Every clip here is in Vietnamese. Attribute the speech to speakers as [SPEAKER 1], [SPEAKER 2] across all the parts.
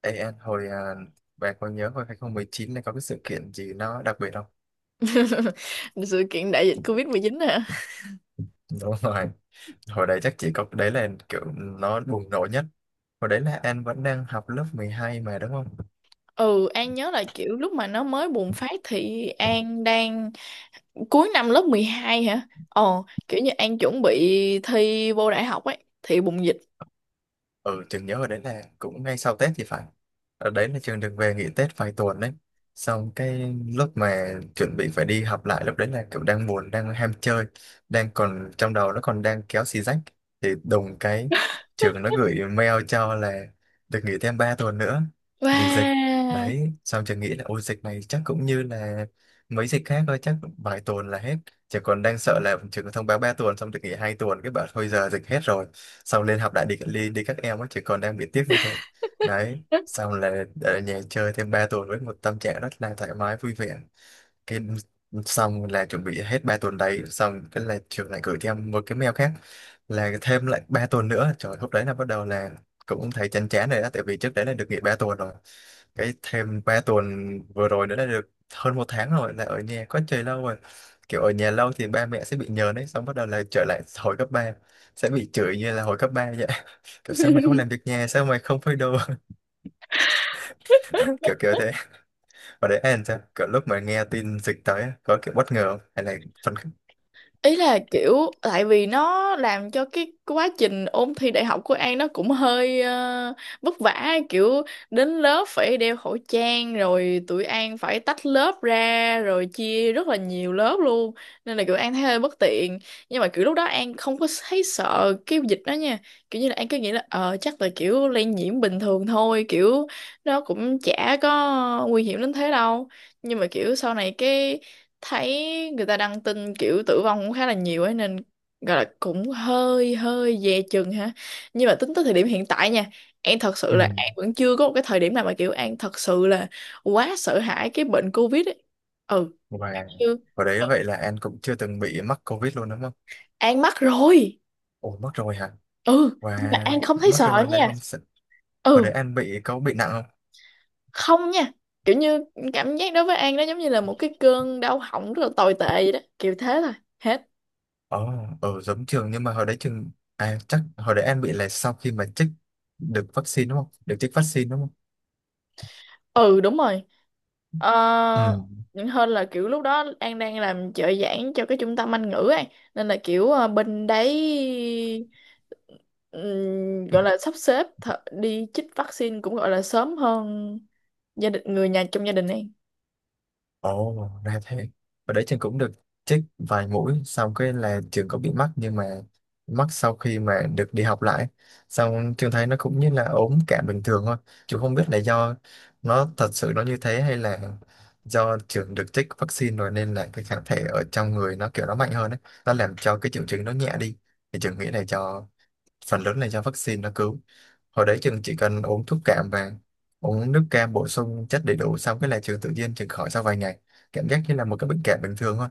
[SPEAKER 1] Ê, anh, bạn có nhớ hồi 2019 này có cái sự kiện gì nó đặc biệt không?
[SPEAKER 2] Sự kiện đại dịch covid 19 hả?
[SPEAKER 1] Đúng rồi. Hồi đấy chắc chỉ có đấy là kiểu nó bùng nổ nhất. Hồi đấy là anh vẫn đang học lớp 12 mà đúng không?
[SPEAKER 2] Ừ, An nhớ là kiểu lúc mà nó mới bùng phát thì An đang cuối năm lớp 12 hả? Ồ, kiểu như An chuẩn bị thi vô đại học ấy, thì bùng dịch.
[SPEAKER 1] Ừ, Trường nhớ ở đấy là cũng ngay sau Tết thì phải. Ở đấy là Trường được về nghỉ Tết vài tuần đấy. Xong cái lúc mà chuẩn bị phải đi học lại lúc đấy là kiểu đang buồn, đang ham chơi, đang còn trong đầu nó còn đang kéo xì rách. Thì đùng cái trường nó gửi mail cho là được nghỉ thêm 3 tuần nữa vì dịch.
[SPEAKER 2] Wow.
[SPEAKER 1] Đấy, xong trường nghĩ là ôi dịch này chắc cũng như là mấy dịch khác thôi, chắc vài tuần là hết. Trường còn đang sợ là trường thông báo 3 tuần xong được nghỉ 2 tuần, cái bảo thôi giờ dịch hết rồi, xong lên học đại, đi đi, đi các em á, chỉ còn đang bị tiếc như thế. Đấy, xong là ở nhà chơi thêm 3 tuần với một tâm trạng rất là thoải mái vui vẻ, cái xong là chuẩn bị hết 3 tuần đấy, xong cái là trường lại gửi cho em một cái mail khác là thêm lại 3 tuần nữa. Trời, lúc đấy là bắt đầu là cũng thấy chán chán rồi đó, tại vì trước đấy là được nghỉ 3 tuần rồi, cái thêm 3 tuần vừa rồi nữa là được hơn một tháng rồi, là ở nhà quá trời lâu rồi. Kiểu ở nhà lâu thì ba mẹ sẽ bị nhờn đấy, xong bắt đầu là trở lại hồi cấp ba, sẽ bị chửi như là hồi cấp 3 vậy. Kiểu sao mày không làm việc nhà, sao mày không phơi đồ. Kiểu kiểu thế. Và đấy, anh sao kiểu lúc mà nghe tin dịch tới á, có kiểu bất ngờ không? Hay là phấn khích?
[SPEAKER 2] Ý là kiểu tại vì nó làm cho cái quá trình ôn thi đại học của An nó cũng hơi vất vả, kiểu đến lớp phải đeo khẩu trang rồi tụi An phải tách lớp ra rồi chia rất là nhiều lớp luôn, nên là kiểu An thấy hơi bất tiện. Nhưng mà kiểu lúc đó An không có thấy sợ cái dịch đó nha, kiểu như là An cứ nghĩ là ờ chắc là kiểu lây nhiễm bình thường thôi, kiểu nó cũng chả có nguy hiểm đến thế đâu. Nhưng mà kiểu sau này cái thấy người ta đăng tin kiểu tử vong cũng khá là nhiều ấy, nên gọi là cũng hơi hơi dè chừng ha. Nhưng mà tính tới thời điểm hiện tại nha, An thật sự
[SPEAKER 1] Ừ.
[SPEAKER 2] là An vẫn chưa có một cái thời điểm nào mà kiểu An thật sự là quá sợ hãi cái bệnh Covid ấy, ừ
[SPEAKER 1] và
[SPEAKER 2] chứ.
[SPEAKER 1] và đấy vậy là anh cũng chưa từng bị mắc covid luôn đúng không?
[SPEAKER 2] An mắc rồi.
[SPEAKER 1] Ồ, mắc rồi hả?
[SPEAKER 2] Ừ nhưng mà
[SPEAKER 1] Và
[SPEAKER 2] An không thấy
[SPEAKER 1] mắc
[SPEAKER 2] sợ
[SPEAKER 1] rồi này
[SPEAKER 2] nha.
[SPEAKER 1] không sợ. Hồi
[SPEAKER 2] Ừ,
[SPEAKER 1] đấy anh có bị nặng không?
[SPEAKER 2] không nha, kiểu như cảm giác đối với An nó giống như là một cái cơn đau họng rất là tồi tệ vậy đó, kiểu thế thôi, hết.
[SPEAKER 1] Ồ, ở giống trường. Nhưng mà hồi đấy trường, chắc hồi đấy em bị là sau khi mà chích được vaccine đúng không? Được chích vaccine đúng không?
[SPEAKER 2] Ừ đúng rồi. ờ,
[SPEAKER 1] Ừ.
[SPEAKER 2] Hơn là kiểu lúc đó An đang làm trợ giảng cho cái trung tâm Anh ngữ ấy, nên là kiểu bên đấy gọi là sắp xếp đi chích vaccine cũng gọi là sớm hơn gia đình, người nhà trong gia đình An.
[SPEAKER 1] Ồ, ra thế. Hồi đấy trường cũng được chích vài mũi, xong cái là trường có bị mắc, nhưng mà mắc sau khi mà được đi học lại. Xong trường thấy nó cũng như là ốm cảm bình thường thôi. Trường không biết là do nó thật sự nó như thế, hay là do trường được chích vaccine rồi nên là cái kháng thể ở trong người nó kiểu nó mạnh hơn ấy. Nó làm cho cái triệu chứng nó nhẹ đi. Thì trường nghĩ là do phần lớn là do vaccine nó cứu. Hồi đấy trường chỉ cần uống thuốc cảm và uống nước cam bổ sung chất đầy đủ, xong cái là trường tự nhiên trường khỏi sau vài ngày, cảm giác như là một cái bệnh cảm bình thường thôi.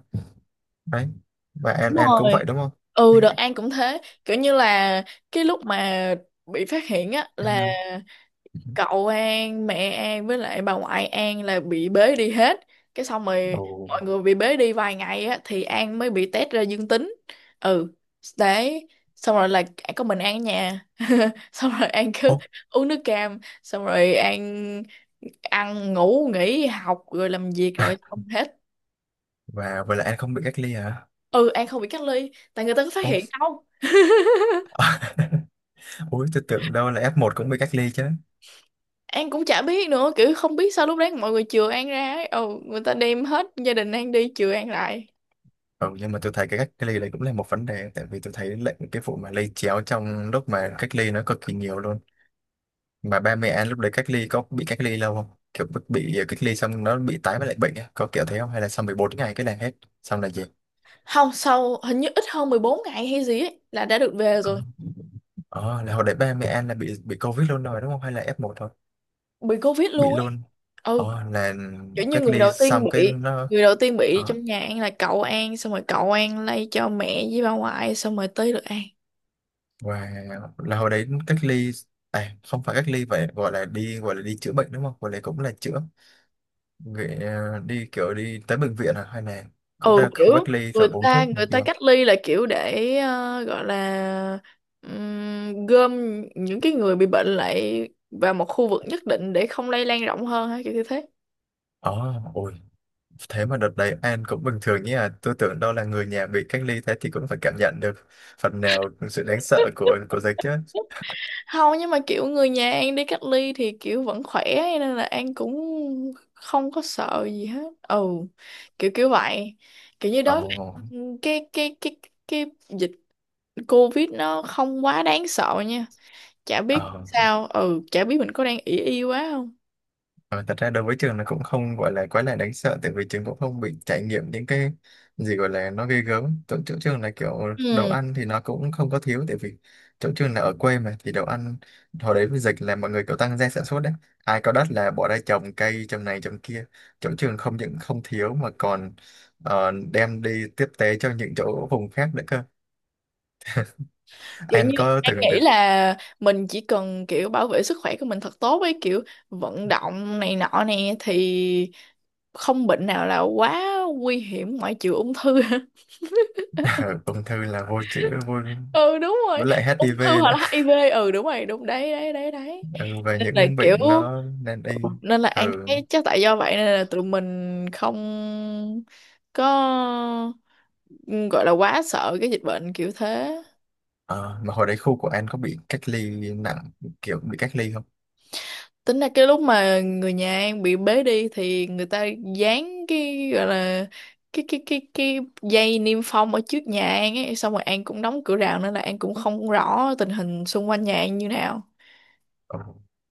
[SPEAKER 1] Đấy, và An
[SPEAKER 2] Đúng
[SPEAKER 1] An cũng
[SPEAKER 2] rồi.
[SPEAKER 1] vậy đúng không?
[SPEAKER 2] Ừ đợt An cũng thế, kiểu như là cái lúc mà bị phát hiện á là cậu An, mẹ An với lại bà ngoại An là bị bế đi hết, cái xong rồi
[SPEAKER 1] ồ
[SPEAKER 2] mọi người bị bế đi vài ngày á thì An mới bị test ra dương tính. Ừ, đấy. Xong rồi là có mình An ở nhà xong rồi An
[SPEAKER 1] ồ
[SPEAKER 2] cứ
[SPEAKER 1] ố,
[SPEAKER 2] uống nước cam xong rồi An ăn ngủ nghỉ, học rồi làm việc rồi xong hết.
[SPEAKER 1] Và vậy là An không bị cách ly hả?
[SPEAKER 2] Ừ, An không bị cách ly tại người ta có phát
[SPEAKER 1] Ồ.
[SPEAKER 2] hiện đâu.
[SPEAKER 1] Ui, tôi tưởng đâu là F1 cũng bị cách ly chứ.
[SPEAKER 2] An cũng chả biết nữa, kiểu không biết sao lúc đấy mọi người chừa An ra ấy. Ừ, người ta đem hết gia đình An đi chừa An lại.
[SPEAKER 1] Ừ, nhưng mà tôi thấy cái cách ly đấy cũng là một vấn đề, tại vì tôi thấy lệnh cái vụ mà lây chéo trong lúc mà cách ly nó cực kỳ nhiều luôn. Mà ba mẹ anh lúc đấy cách ly có bị cách ly lâu không? Kiểu bị cách ly xong nó bị tái với lại bệnh á, có kiểu thế không, hay là sau 14 ngày cái là hết, xong là gì?
[SPEAKER 2] Không, sau hình như ít hơn 14 ngày hay gì ấy, là đã được về
[SPEAKER 1] ờ
[SPEAKER 2] rồi.
[SPEAKER 1] Ờ, là hồi đấy ba mẹ anh là bị covid luôn rồi đúng không, hay là F1 thôi?
[SPEAKER 2] Bị Covid
[SPEAKER 1] Bị
[SPEAKER 2] luôn ấy.
[SPEAKER 1] luôn.
[SPEAKER 2] Ừ,
[SPEAKER 1] Là
[SPEAKER 2] kiểu như
[SPEAKER 1] cách
[SPEAKER 2] người
[SPEAKER 1] ly
[SPEAKER 2] đầu tiên
[SPEAKER 1] xong cái
[SPEAKER 2] bị,
[SPEAKER 1] nó
[SPEAKER 2] người đầu tiên bị
[SPEAKER 1] ờ,
[SPEAKER 2] trong nhà An là cậu An, xong rồi cậu An lây cho mẹ với bà ngoại, xong rồi tới được An.
[SPEAKER 1] và là hồi đấy cách ly, à không phải cách ly, vậy gọi là đi chữa bệnh đúng không, gọi là cũng là chữa. Vậy, đi kiểu đi tới bệnh viện à, hay là cũng
[SPEAKER 2] Ừ,
[SPEAKER 1] ra
[SPEAKER 2] kiểu
[SPEAKER 1] khu cách ly
[SPEAKER 2] người
[SPEAKER 1] rồi uống
[SPEAKER 2] ta,
[SPEAKER 1] thuốc
[SPEAKER 2] người
[SPEAKER 1] này kia
[SPEAKER 2] ta
[SPEAKER 1] không?
[SPEAKER 2] cách ly là kiểu để gọi là gom những cái người bị bệnh lại vào một khu vực nhất định để không lây lan rộng hơn hay kiểu như thế.
[SPEAKER 1] ờ Ôi. Thế mà đợt đấy An cũng bình thường nhé à. Tôi tưởng đâu là người nhà bị cách ly thế thì cũng phải cảm nhận được phần nào sự đáng sợ của dịch chứ.
[SPEAKER 2] Không, nhưng mà kiểu người nhà An đi cách ly thì kiểu vẫn khỏe ấy, nên là An cũng không có sợ gì hết. Ừ, kiểu kiểu vậy. Kiểu như
[SPEAKER 1] Ồ,
[SPEAKER 2] đối với cái cái cái cái dịch Covid nó không quá đáng sợ nha. Chả biết
[SPEAKER 1] oh,
[SPEAKER 2] sao, ừ chả biết mình có đang ỷ y quá không.
[SPEAKER 1] Ờ, thật ra đối với trường nó cũng không gọi là quá là đáng sợ, tại vì trường cũng không bị trải nghiệm những cái gì gọi là nó ghê gớm. Chỗ trường là kiểu đồ
[SPEAKER 2] Ừ,
[SPEAKER 1] ăn thì nó cũng không có thiếu, tại vì chỗ trường là ở quê mà, thì đồ ăn hồi đấy với dịch là mọi người kiểu tăng gia sản xuất đấy, ai có đất là bỏ ra trồng cây trồng này trồng kia. Chỗ trường không những không thiếu mà còn đem đi tiếp tế cho những chỗ vùng khác nữa cơ.
[SPEAKER 2] kiểu
[SPEAKER 1] Anh
[SPEAKER 2] như
[SPEAKER 1] có
[SPEAKER 2] An
[SPEAKER 1] từng
[SPEAKER 2] nghĩ
[SPEAKER 1] được
[SPEAKER 2] là mình chỉ cần kiểu bảo vệ sức khỏe của mình thật tốt ấy, kiểu vận động này nọ nè thì không bệnh nào là quá nguy hiểm ngoại trừ ung thư.
[SPEAKER 1] ung thư là vô chữa. vô
[SPEAKER 2] Ừ đúng rồi,
[SPEAKER 1] với lại
[SPEAKER 2] ung thư
[SPEAKER 1] HIV
[SPEAKER 2] hoặc
[SPEAKER 1] nữa.
[SPEAKER 2] là HIV, ừ đúng rồi, đúng, đấy đấy đấy đấy.
[SPEAKER 1] Ừ, về
[SPEAKER 2] nên là
[SPEAKER 1] những
[SPEAKER 2] kiểu
[SPEAKER 1] bệnh nó nên y.
[SPEAKER 2] Nên là An
[SPEAKER 1] Ừ.
[SPEAKER 2] thấy chắc tại do vậy nên là tụi mình không có, ừ, gọi là quá sợ cái dịch bệnh, kiểu thế.
[SPEAKER 1] Ờ, mà hồi đấy khu của An có bị cách ly nặng, kiểu bị cách ly không?
[SPEAKER 2] Tính ra cái lúc mà người nhà An bị bế đi thì người ta dán cái gọi là cái dây niêm phong ở trước nhà An ấy, xong rồi An cũng đóng cửa rào nên là An cũng không rõ tình hình xung quanh nhà An như nào.
[SPEAKER 1] Ừ.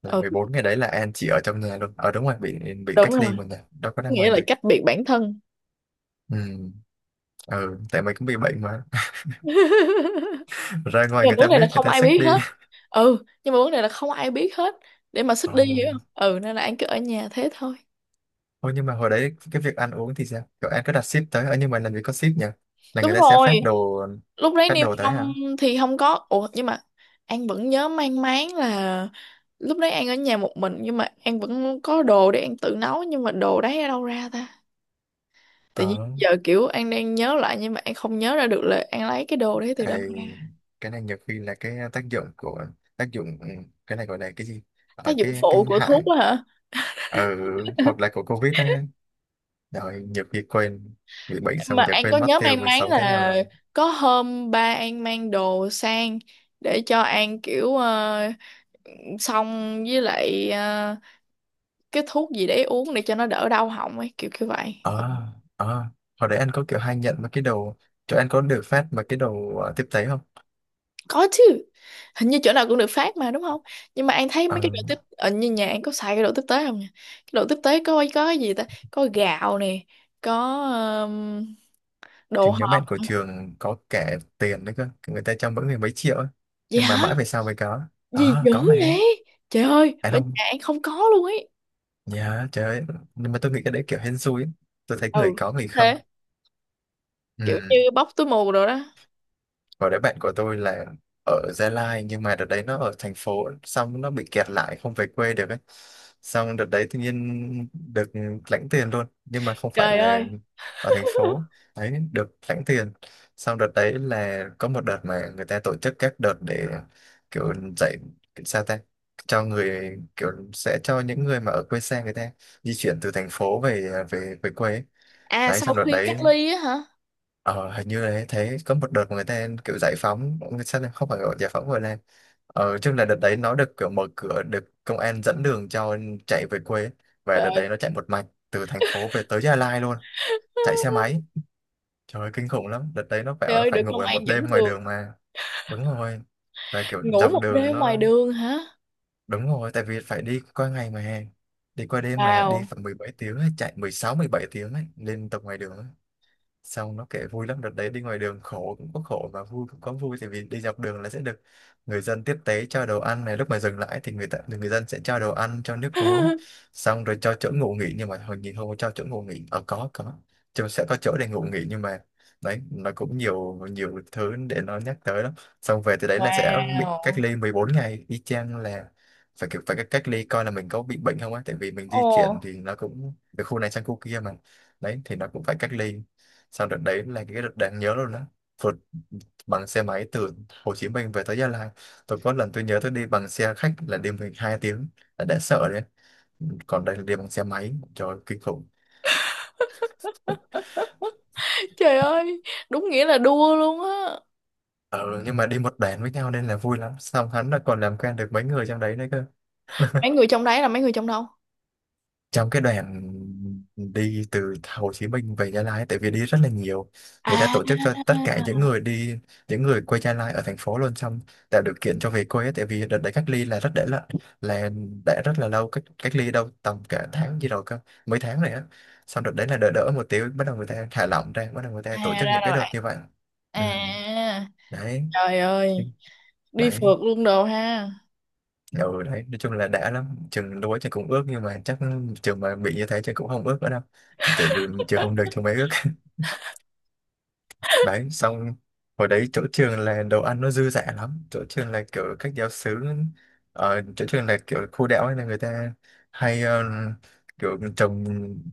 [SPEAKER 1] Là
[SPEAKER 2] Ừ
[SPEAKER 1] 14 ngày đấy là An chỉ ở trong nhà luôn, ở đúng rồi, bị
[SPEAKER 2] đúng
[SPEAKER 1] cách ly
[SPEAKER 2] rồi,
[SPEAKER 1] mà nhà đâu có ra
[SPEAKER 2] nghĩa
[SPEAKER 1] ngoài
[SPEAKER 2] là
[SPEAKER 1] được.
[SPEAKER 2] cách biệt bản thân.
[SPEAKER 1] Ừ. Ừ, tại mình cũng bị bệnh mà. Ra ngoài
[SPEAKER 2] Nhưng mà
[SPEAKER 1] người ta
[SPEAKER 2] vấn đề
[SPEAKER 1] biết
[SPEAKER 2] là
[SPEAKER 1] người
[SPEAKER 2] không
[SPEAKER 1] ta
[SPEAKER 2] ai
[SPEAKER 1] xích
[SPEAKER 2] biết
[SPEAKER 1] đi.
[SPEAKER 2] hết. Ừ nhưng mà vấn đề là không ai biết hết để mà xích
[SPEAKER 1] Ừ.
[SPEAKER 2] đi, hiểu không. Ừ, nên là An cứ ở nhà thế thôi.
[SPEAKER 1] Ôi, nhưng mà hồi đấy cái việc ăn uống thì sao, kiểu An có đặt ship tới, ở nhưng mà làm gì có ship nhỉ, là người
[SPEAKER 2] Đúng
[SPEAKER 1] ta sẽ
[SPEAKER 2] rồi,
[SPEAKER 1] phát đồ?
[SPEAKER 2] lúc đấy
[SPEAKER 1] Phát
[SPEAKER 2] niêm
[SPEAKER 1] đồ tới
[SPEAKER 2] xong
[SPEAKER 1] hả?
[SPEAKER 2] thì không có. Ủa nhưng mà An vẫn nhớ mang máng là lúc đấy An ở nhà một mình nhưng mà An vẫn có đồ để An tự nấu, nhưng mà đồ đấy ở đâu ra ta? Tự nhiên
[SPEAKER 1] ờ
[SPEAKER 2] giờ kiểu An đang nhớ lại nhưng mà An không nhớ ra được là An lấy cái đồ đấy từ
[SPEAKER 1] Ờ,
[SPEAKER 2] đâu ra.
[SPEAKER 1] cái này nhiều khi là cái tác dụng của tác dụng. Ừ, cái này gọi là cái gì, ở
[SPEAKER 2] Tác dụng
[SPEAKER 1] cái
[SPEAKER 2] phụ của thuốc
[SPEAKER 1] hại.
[SPEAKER 2] đó hả?
[SPEAKER 1] Ừ, hoặc là của Covid á, rồi nhiều khi quên. Bị bệnh
[SPEAKER 2] Mà
[SPEAKER 1] xong giờ
[SPEAKER 2] An có
[SPEAKER 1] quên mất
[SPEAKER 2] nhớ
[SPEAKER 1] tiêu
[SPEAKER 2] mang
[SPEAKER 1] mình
[SPEAKER 2] máng
[SPEAKER 1] sống thế nào
[SPEAKER 2] là
[SPEAKER 1] rồi.
[SPEAKER 2] có hôm ba An mang đồ sang để cho An, kiểu xong với lại cái thuốc gì để uống để cho nó đỡ đau họng ấy, kiểu kiểu vậy. Ờ,
[SPEAKER 1] ờ ờ Hồi đấy anh có kiểu hay nhận mấy cái đồ, cho anh có được phát mấy cái đồ tiếp tế không?
[SPEAKER 2] có chứ, hình như chỗ nào cũng được phát mà, đúng không. Nhưng mà An thấy mấy cái
[SPEAKER 1] ờ
[SPEAKER 2] đồ tiếp ở như nhà An có xài cái đồ tiếp tế không nhỉ? Cái đồ tiếp tế có cái gì ta? Có gạo nè, có đồ
[SPEAKER 1] thì nhóm bạn của
[SPEAKER 2] hộp.
[SPEAKER 1] trường có kẻ tiền đấy cơ, người ta cho mỗi người mấy triệu á,
[SPEAKER 2] Gì
[SPEAKER 1] nhưng mà
[SPEAKER 2] hả?
[SPEAKER 1] mãi về sau mới có.
[SPEAKER 2] Gì dữ
[SPEAKER 1] Có mà.
[SPEAKER 2] vậy, trời ơi,
[SPEAKER 1] Anh
[SPEAKER 2] bên
[SPEAKER 1] không?
[SPEAKER 2] nhà An không có luôn ấy.
[SPEAKER 1] Dạ trời ơi. Nhưng mà tôi nghĩ cái đấy kiểu hên xui ấy. Tôi thấy người
[SPEAKER 2] Ừ,
[SPEAKER 1] có người không.
[SPEAKER 2] thế kiểu
[SPEAKER 1] Ừ.
[SPEAKER 2] như bóc túi mù rồi đó.
[SPEAKER 1] Và đấy bạn của tôi là ở Gia Lai. Nhưng mà đợt đấy nó ở thành phố, xong nó bị kẹt lại không về quê được ấy. Xong đợt đấy tự nhiên được lãnh tiền luôn. Nhưng mà không phải
[SPEAKER 2] Trời
[SPEAKER 1] là
[SPEAKER 2] ơi.
[SPEAKER 1] ở thành phố. Đấy, được lãnh tiền. Xong đợt đấy là có một đợt mà người ta tổ chức các đợt để kiểu dạy, sao ta, cho người, kiểu sẽ cho những người mà ở quê xa người ta di chuyển từ thành phố về về về quê ấy.
[SPEAKER 2] À,
[SPEAKER 1] Đấy
[SPEAKER 2] sau
[SPEAKER 1] xong đợt
[SPEAKER 2] khi cách
[SPEAKER 1] đấy
[SPEAKER 2] ly á hả?
[SPEAKER 1] ờ, hình như là thấy có một đợt mà người ta kiểu giải phóng, sao lại không phải gọi giải phóng, gọi là chung là đợt đấy nó được kiểu mở cửa, được công an dẫn đường cho chạy về quê. Và
[SPEAKER 2] Trời
[SPEAKER 1] đợt
[SPEAKER 2] ơi.
[SPEAKER 1] đấy nó chạy một mạch từ thành phố về tới Gia Lai luôn. Chạy xe máy. Trời ơi, kinh khủng lắm, đợt đấy nó
[SPEAKER 2] Trời
[SPEAKER 1] bảo nó
[SPEAKER 2] ơi, được
[SPEAKER 1] phải ngủ
[SPEAKER 2] công an
[SPEAKER 1] một
[SPEAKER 2] dẫn
[SPEAKER 1] đêm ngoài
[SPEAKER 2] đường.
[SPEAKER 1] đường mà. Đúng rồi. Và kiểu
[SPEAKER 2] Ngủ
[SPEAKER 1] dọc
[SPEAKER 2] một
[SPEAKER 1] đường
[SPEAKER 2] đêm
[SPEAKER 1] nó
[SPEAKER 2] ngoài đường hả?
[SPEAKER 1] đúng rồi, tại vì phải đi qua ngày mà, đi qua đêm mà, đi
[SPEAKER 2] Wow.
[SPEAKER 1] phải 17 tiếng ấy, chạy 16, 17 tiếng ấy, lên tập ngoài đường ấy. Xong nó kể vui lắm. Đợt đấy đi ngoài đường khổ cũng có khổ và vui cũng có vui, tại vì đi dọc đường là sẽ được người dân tiếp tế cho đồ ăn này. Lúc mà dừng lại thì người ta, người dân sẽ cho đồ ăn, cho nước uống, xong rồi cho chỗ ngủ nghỉ. Nhưng mà hồi nhìn không có cho chỗ ngủ nghỉ, có chúng sẽ có chỗ để ngủ nghỉ, nhưng mà đấy, nó cũng nhiều nhiều thứ để nó nhắc tới lắm. Xong về từ đấy là sẽ bị cách
[SPEAKER 2] Wow.
[SPEAKER 1] ly 14 ngày y chang. Là phải kiểu phải cách ly coi là mình có bị bệnh không á, tại vì mình
[SPEAKER 2] Ồ.
[SPEAKER 1] di chuyển thì nó cũng từ khu này sang khu kia mà. Đấy thì nó cũng phải cách ly. Sau đợt đấy là cái đợt đáng nhớ luôn đó. Vượt bằng xe máy từ Hồ Chí Minh về tới Gia Lai. Tôi có lần tôi nhớ tôi đi bằng xe khách là đi 12 tiếng, đã sợ đấy. Còn đây là đi bằng xe máy. Trời ơi, kinh khủng.
[SPEAKER 2] Trời ơi, đúng nghĩa là đua luôn á.
[SPEAKER 1] Ờ, Nhưng mà đi một đoàn với nhau nên là vui lắm. Xong hắn là còn làm quen được mấy người trong đấy nữa cơ.
[SPEAKER 2] Mấy người trong đấy là mấy người trong đâu?
[SPEAKER 1] Trong cái đoàn đi từ Hồ Chí Minh về Gia Lai, tại vì đi rất là nhiều. Người ta tổ chức
[SPEAKER 2] À.
[SPEAKER 1] cho tất cả những người đi, những người quê Gia Lai ở thành phố luôn. Xong tạo điều kiện cho về quê ấy, tại vì đợt đấy cách ly là rất để là đã rất là lâu, cách cách ly đâu tầm cả tháng gì rồi cơ, mấy tháng này á. Xong đợt đấy là đỡ đỡ một tí, bắt đầu người ta thả lỏng ra, bắt đầu người ta
[SPEAKER 2] À
[SPEAKER 1] tổ chức
[SPEAKER 2] ra
[SPEAKER 1] những cái
[SPEAKER 2] là
[SPEAKER 1] đợt
[SPEAKER 2] vậy.
[SPEAKER 1] như vậy. Ừ,
[SPEAKER 2] À,
[SPEAKER 1] đấy.
[SPEAKER 2] trời ơi, đi
[SPEAKER 1] Đấy,
[SPEAKER 2] phượt luôn đồ ha.
[SPEAKER 1] ừ, đấy, nói chung là đã lắm. Trường lúa trường cũng ước, nhưng mà chắc trường mà bị như thế trường cũng không ước nữa đâu. Tại vì trường không được trường mới ước. Đấy, xong hồi đấy chỗ trường là đồ ăn nó dư dả lắm. Chỗ trường là kiểu các giáo xứ, ở chỗ trường là kiểu khu đảo ấy, là người ta hay kiểu trồng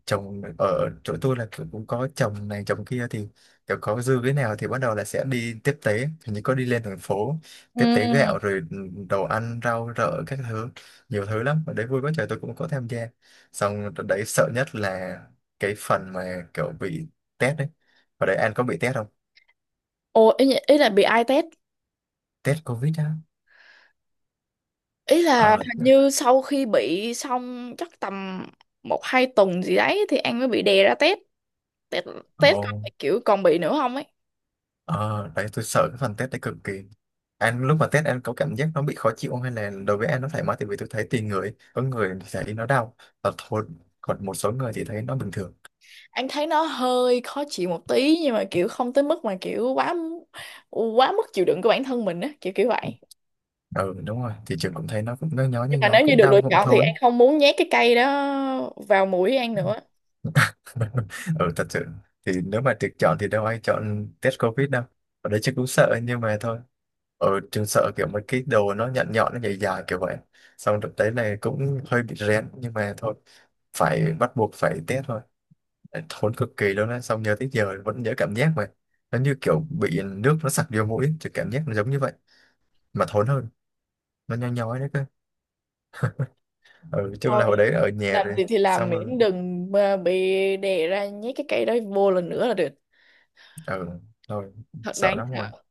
[SPEAKER 1] trồng ở chỗ tôi là kiểu cũng có trồng này trồng kia, thì kiểu có dư cái nào thì bắt đầu là sẽ đi tiếp tế. Hình như có đi lên thành phố tiếp tế gạo
[SPEAKER 2] Ừ.
[SPEAKER 1] rồi đồ ăn, rau rợ các thứ, nhiều thứ lắm. Ở đấy vui quá trời, tôi cũng có tham gia. Xong đợt đấy sợ nhất là cái phần mà kiểu bị test đấy. Ở đấy anh có bị test không?
[SPEAKER 2] Ồ, ý, ý là bị ai test?
[SPEAKER 1] Test Covid á.
[SPEAKER 2] Ý là
[SPEAKER 1] Ờ.
[SPEAKER 2] hình như sau khi bị xong chắc tầm một hai tuần gì đấy thì An mới bị đè ra test, test,
[SPEAKER 1] Ồ.
[SPEAKER 2] test coi là kiểu còn bị nữa không ấy.
[SPEAKER 1] Ờ, đấy tôi sợ cái phần test đấy cực kỳ. Anh lúc mà test anh có cảm giác nó bị khó chịu không, hay là đối với anh nó thoải mái? Tại vì tôi thấy tùy người, có người thì thấy nó đau và thôi, còn một số người thì thấy nó bình thường.
[SPEAKER 2] Anh thấy nó hơi khó chịu một tí nhưng mà kiểu không tới mức mà kiểu quá quá mức chịu đựng của bản thân mình á, kiểu kiểu vậy.
[SPEAKER 1] Ừ, đúng rồi, thì trường cũng thấy nó cũng nhói nhói
[SPEAKER 2] Nhưng
[SPEAKER 1] nhói
[SPEAKER 2] mà
[SPEAKER 1] nhói,
[SPEAKER 2] nếu như
[SPEAKER 1] cũng
[SPEAKER 2] được lựa
[SPEAKER 1] đau cũng
[SPEAKER 2] chọn thì
[SPEAKER 1] thốn.
[SPEAKER 2] An không muốn nhét cái cây đó vào mũi An nữa.
[SPEAKER 1] Ừ, thật sự thì nếu mà được chọn thì đâu ai chọn test covid đâu. Ở đây chắc cũng sợ, nhưng mà thôi. Ở trường sợ kiểu mấy cái đồ nó nhọn nhọn nó dài dài kiểu vậy. Xong đợt đấy này cũng hơi bị rén, nhưng mà thôi, phải bắt buộc phải test thôi. Thốn cực kỳ luôn á. Xong nhớ tới giờ vẫn nhớ cảm giác mà, nó như kiểu bị nước nó sặc vô mũi thì cảm giác nó giống như vậy, mà thốn hơn, nó nhói nhói đấy cơ. Ừ, chung
[SPEAKER 2] Thôi,
[SPEAKER 1] là hồi đấy ở nhà
[SPEAKER 2] làm
[SPEAKER 1] rồi
[SPEAKER 2] gì thì làm
[SPEAKER 1] xong rồi.
[SPEAKER 2] miễn đừng mà bị đè ra nhét cái cây đó vô lần nữa là được.
[SPEAKER 1] Ừ, thôi,
[SPEAKER 2] Thật
[SPEAKER 1] sợ
[SPEAKER 2] đáng
[SPEAKER 1] lắm rồi.
[SPEAKER 2] sợ.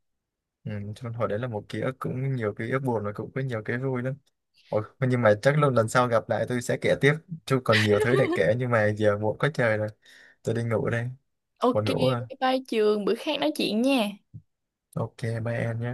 [SPEAKER 1] Ừ, cho nên hồi đấy là một ký ức, cũng nhiều ký ức buồn và cũng có nhiều cái vui lắm. Ôi, nhưng mà chắc lần lần sau gặp lại tôi sẽ kể tiếp. Chứ còn nhiều thứ để kể nhưng mà giờ muộn quá trời rồi. Tôi đi ngủ đây.
[SPEAKER 2] Ok,
[SPEAKER 1] Buồn ngủ à.
[SPEAKER 2] bye bye Trường, bữa khác nói chuyện nha.
[SPEAKER 1] Ok, bye em nhé.